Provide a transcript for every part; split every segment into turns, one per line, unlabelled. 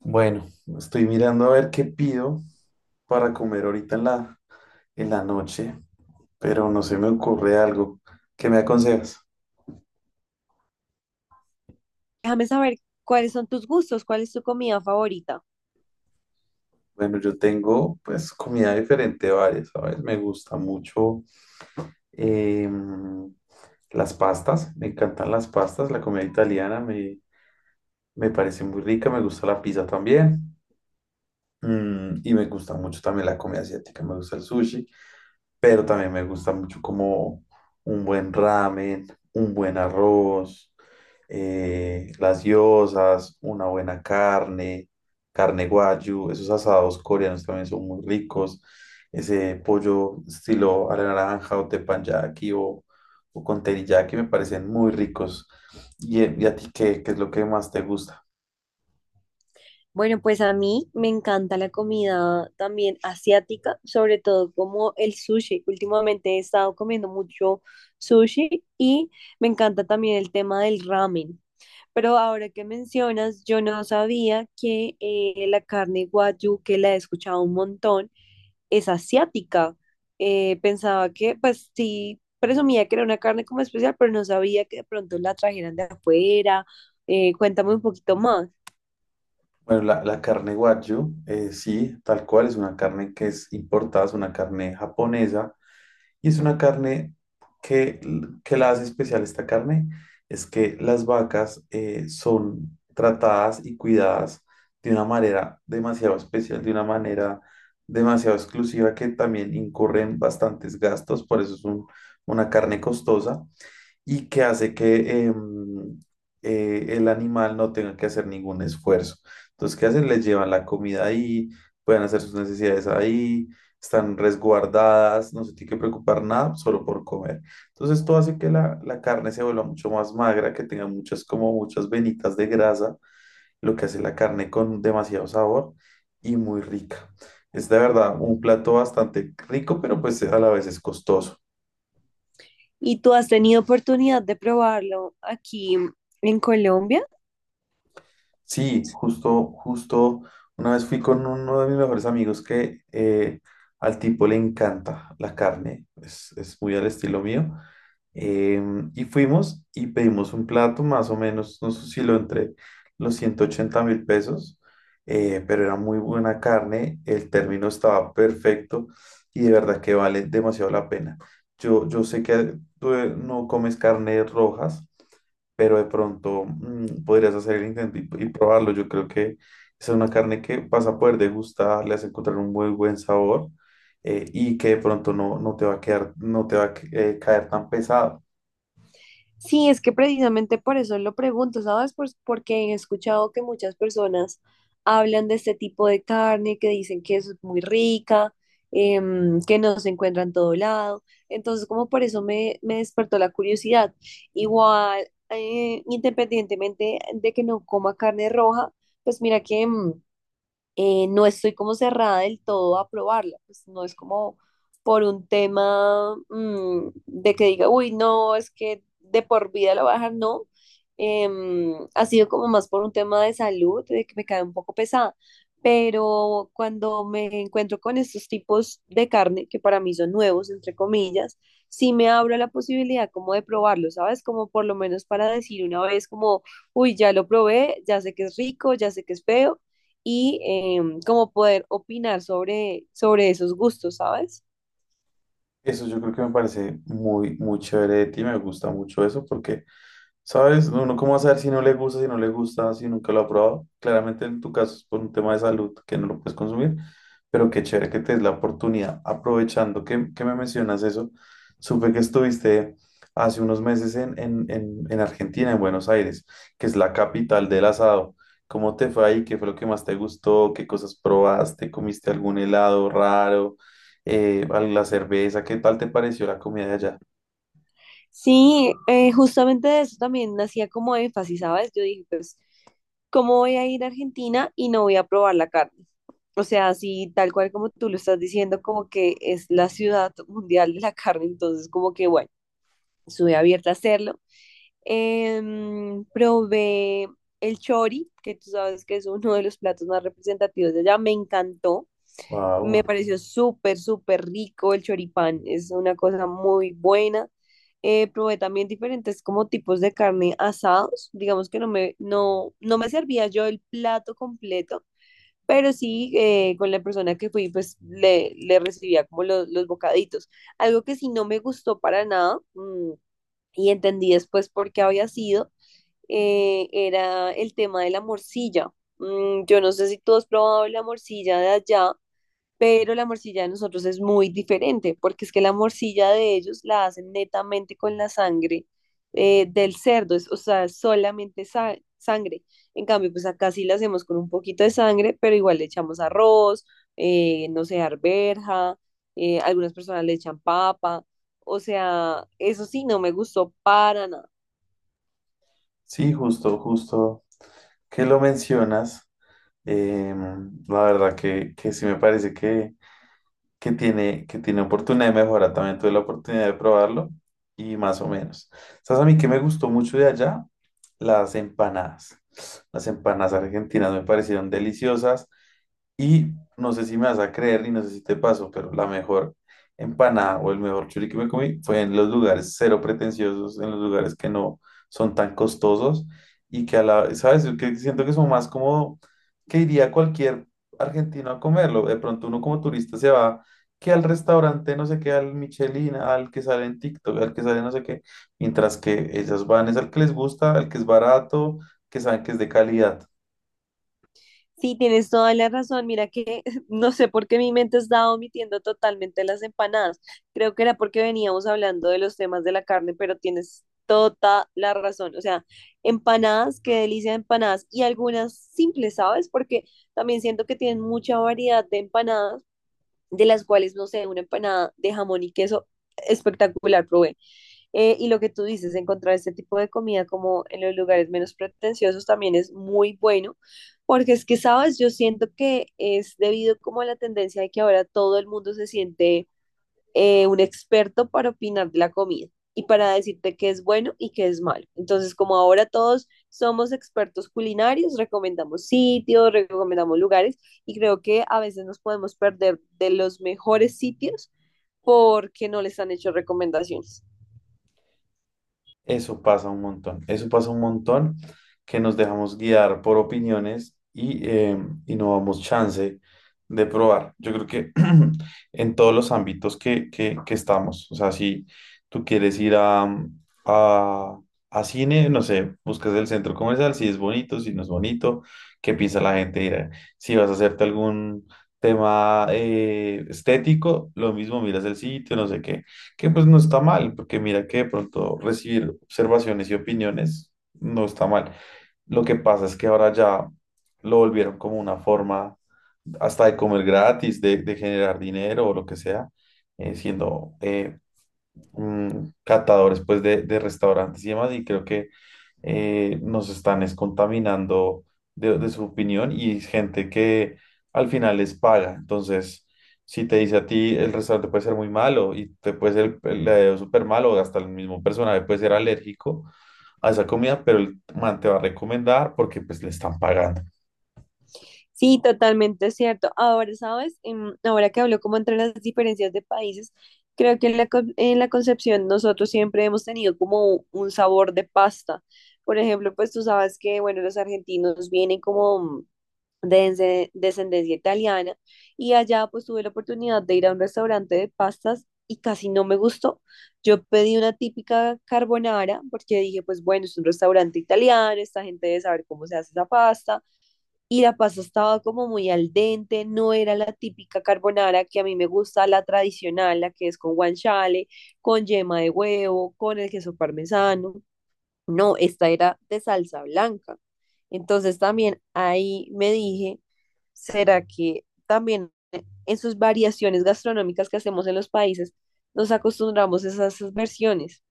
Bueno, estoy mirando a ver qué pido para comer ahorita en la noche, pero no se me ocurre algo. ¿Qué me aconsejas?
Déjame saber cuáles son tus gustos, cuál es tu comida favorita.
Bueno, yo tengo pues comida diferente varias, ¿sabes? Me gusta mucho em, las pastas, me encantan las pastas, la comida italiana me parece muy rica, me gusta la pizza también y me gusta mucho también la comida asiática, me gusta el sushi. Pero también me gusta mucho como un buen ramen, un buen arroz, las gyozas, una buena carne, carne guayu, esos asados coreanos también son muy ricos, ese pollo estilo a la naranja o teppanyaki o con teriyaki me parecen muy ricos. Y a ti qué es lo que más te gusta?
Bueno, pues a mí me encanta la comida también asiática, sobre todo como el sushi. Últimamente he estado comiendo mucho sushi y me encanta también el tema del ramen. Pero ahora que mencionas, yo no sabía que la carne wagyu, que la he escuchado un montón, es asiática. Pensaba que, pues sí, presumía que era una carne como especial, pero no sabía que de pronto la trajeran de afuera. Cuéntame un poquito más.
Bueno, la carne wagyu, sí, tal cual, es una carne que es importada, es una carne japonesa. Y es una carne que, que la hace especial esta carne, es que las vacas son tratadas y cuidadas de una manera demasiado especial, de una manera demasiado exclusiva que también incurren bastantes gastos, por eso es una carne costosa y que hace que el animal no tenga que hacer ningún esfuerzo. Entonces, ¿qué hacen? Les llevan la comida ahí, pueden hacer sus necesidades ahí, están resguardadas, no se tiene que preocupar nada solo por comer. Entonces, esto hace que la carne se vuelva mucho más magra, que tenga muchas, como muchas venitas de grasa, lo que hace la carne con demasiado sabor y muy rica. Es de verdad un plato bastante rico, pero pues a la vez es costoso.
¿Y tú has tenido oportunidad de probarlo aquí en Colombia?
Sí, justo, justo, una vez fui con uno de mis mejores amigos que al tipo le encanta la carne, es muy al estilo mío. Em, y fuimos y pedimos un plato, más o menos nos osciló entre los 180.000 pesos, pero era muy buena carne, el término estaba perfecto y de verdad que vale demasiado la pena. Yo sé que tú no comes carnes rojas, pero de pronto podrías hacer el intento y probarlo. Yo creo que esa es una carne que vas a poder degustar, le vas a encontrar un muy buen sabor, y que de pronto no te va a quedar, no te va a caer tan pesado.
Sí, es que precisamente por eso lo pregunto, ¿sabes? Pues porque he escuchado que muchas personas hablan de este tipo de carne, que dicen que es muy rica, que no se encuentra en todo lado. Entonces, como por eso me despertó la curiosidad. Igual, independientemente de que no coma carne roja, pues mira que... no estoy como cerrada del todo a probarla, pues no es como por un tema de que diga, uy, no, es que de por vida la voy a dejar, no. Ha sido como más por un tema de salud, de que me cae un poco pesada, pero cuando me encuentro con estos tipos de carne, que para mí son nuevos, entre comillas, sí me abro a la posibilidad como de probarlo, ¿sabes? Como por lo menos para decir una vez como, uy, ya lo probé, ya sé que es rico, ya sé que es feo, y como poder opinar sobre esos gustos, ¿sabes?
Eso yo creo que me parece muy chévere de ti, me gusta mucho eso porque... ¿Sabes? Uno cómo va a saber si no le gusta, si no le gusta, si nunca lo ha probado. Claramente en tu caso es por un tema de salud que no lo puedes consumir, pero qué chévere que te des la oportunidad. Aprovechando que me mencionas eso, supe que estuviste hace unos meses en Argentina, en Buenos Aires, que es la capital del asado. ¿Cómo te fue ahí? ¿Qué fue lo que más te gustó? ¿Qué cosas probaste? ¿Comiste algún helado raro? ¿La cerveza? ¿Qué tal te pareció la comida de allá?
Sí, justamente de eso también hacía como énfasis, ¿sabes? Yo dije, pues, ¿cómo voy a ir a Argentina y no voy a probar la carne? O sea, así tal cual como tú lo estás diciendo, como que es la ciudad mundial de la carne, entonces como que, bueno, estuve abierta a hacerlo. Probé el chori, que tú sabes que es uno de los platos más representativos de allá, me encantó.
Wow.
Me pareció súper, súper rico el choripán, es una cosa muy buena. Probé también diferentes como tipos de carne asados, digamos que no me servía yo el plato completo, pero sí con la persona que fui pues le recibía como los bocaditos. Algo que sí no me gustó para nada y entendí después por qué había sido, era el tema de la morcilla. Mm, yo no sé si tú has probado la morcilla de allá pero la morcilla de nosotros es muy diferente, porque es que la morcilla de ellos la hacen netamente con la sangre del cerdo, o sea, solamente sangre. En cambio, pues acá sí la hacemos con un poquito de sangre, pero igual le echamos arroz, no sé, arberja, algunas personas le echan papa, o sea, eso sí, no me gustó para nada.
Sí, justo, justo, que lo mencionas, em, la verdad que sí me parece que que tiene oportunidad de mejora. También tuve la oportunidad de probarlo y más o menos. ¿Sabes a mí que me gustó mucho de allá? Las empanadas. Las empanadas argentinas me parecieron deliciosas. Y no sé si me vas a creer y no sé si te pasó, pero la mejor empanada o el mejor churi que me comí fue en los lugares cero pretenciosos, en los lugares que no son tan costosos y que a ¿sabes? Yo Que siento que son más como que iría cualquier argentino a comerlo. De pronto uno como turista se va que al restaurante, no sé qué, al Michelin, al que sale en TikTok, al que sale no sé qué, mientras que ellas van es al que les gusta, al que es barato, que saben que es de calidad.
Sí, tienes toda la razón. Mira que no sé por qué mi mente estaba omitiendo totalmente las empanadas. Creo que era porque veníamos hablando de los temas de la carne, pero tienes toda la razón. O sea, empanadas, qué delicia de empanadas. Y algunas simples, ¿sabes? Porque también siento que tienen mucha variedad de empanadas de las cuales, no sé, una empanada de jamón y queso espectacular probé. Y lo que tú dices, encontrar este tipo de comida como en los lugares menos pretenciosos también es muy bueno, porque es que, sabes, yo siento que es debido como a la tendencia de que ahora todo el mundo se siente un experto para opinar de la comida y para decirte qué es bueno y qué es malo. Entonces, como ahora todos somos expertos culinarios, recomendamos sitios, recomendamos lugares y creo que a veces nos podemos perder de los mejores sitios porque no les han hecho recomendaciones.
Eso pasa un montón, eso pasa un montón, que nos dejamos guiar por opiniones y no damos chance de probar. Yo creo que en todos los ámbitos que estamos, o sea, si tú quieres ir a, a cine, no sé, buscas el centro comercial, si es bonito, si no es bonito, qué piensa la gente. Mira, si vas a hacerte algún tema estético, lo mismo, miras el sitio, no sé qué. Que pues no está mal, porque mira que de pronto recibir observaciones y opiniones no está mal. Lo que pasa es que ahora ya lo volvieron como una forma hasta de comer gratis, de generar dinero o lo que sea, eh, siendo eh, catadores pues de restaurantes y demás. Y creo que nos están es contaminando de su opinión y es gente que al final les paga. Entonces, si te dice a ti el restaurante puede ser muy malo y te puede ser el súper malo, o hasta el mismo personaje puede ser alérgico a esa comida, pero el man te va a recomendar porque pues le están pagando.
Sí, totalmente es cierto. Ahora, ¿sabes? Ahora que hablo como entre las diferencias de países, creo que en en la Concepción nosotros siempre hemos tenido como un sabor de pasta. Por ejemplo, pues tú sabes que, bueno, los argentinos vienen como de descendencia italiana y allá pues tuve la oportunidad de ir a un restaurante de pastas y casi no me gustó. Yo pedí una típica carbonara porque dije, pues bueno, es un restaurante italiano, esta gente debe saber cómo se hace esa pasta y la pasta estaba como muy al dente, no era la típica carbonara que a mí me gusta, la tradicional, la que es con guanciale, con yema de huevo, con el queso parmesano. No, esta era de salsa blanca. Entonces también ahí me dije, ¿será que también en sus variaciones gastronómicas que hacemos en los países nos acostumbramos a esas versiones?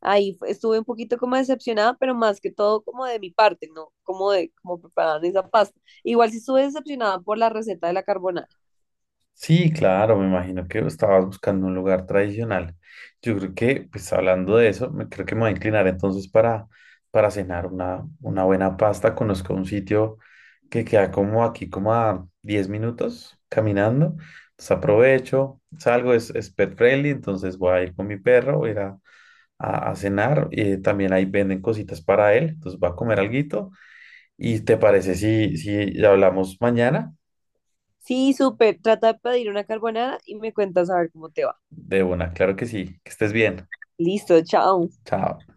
Estuve un poquito como decepcionada, pero más que todo como de mi parte, ¿no? Como de cómo preparaban esa pasta. Igual sí estuve decepcionada por la receta de la carbonara.
Sí, claro, me imagino que estabas buscando un lugar tradicional. Yo creo que, hablando de eso, creo que me voy a inclinar entonces para cenar una buena pasta. Conozco un sitio que queda como aquí, como a 10 minutos caminando. Entonces aprovecho, salgo, es pet friendly, entonces voy a ir con mi perro, voy a ir a cenar. También ahí venden cositas para él, entonces va a comer alguito. ¿Y te parece si hablamos mañana?
Sí, súper. Trata de pedir una carbonara y me cuentas a ver cómo te va.
De una, claro que sí, que estés bien.
Listo, chao.
Chao.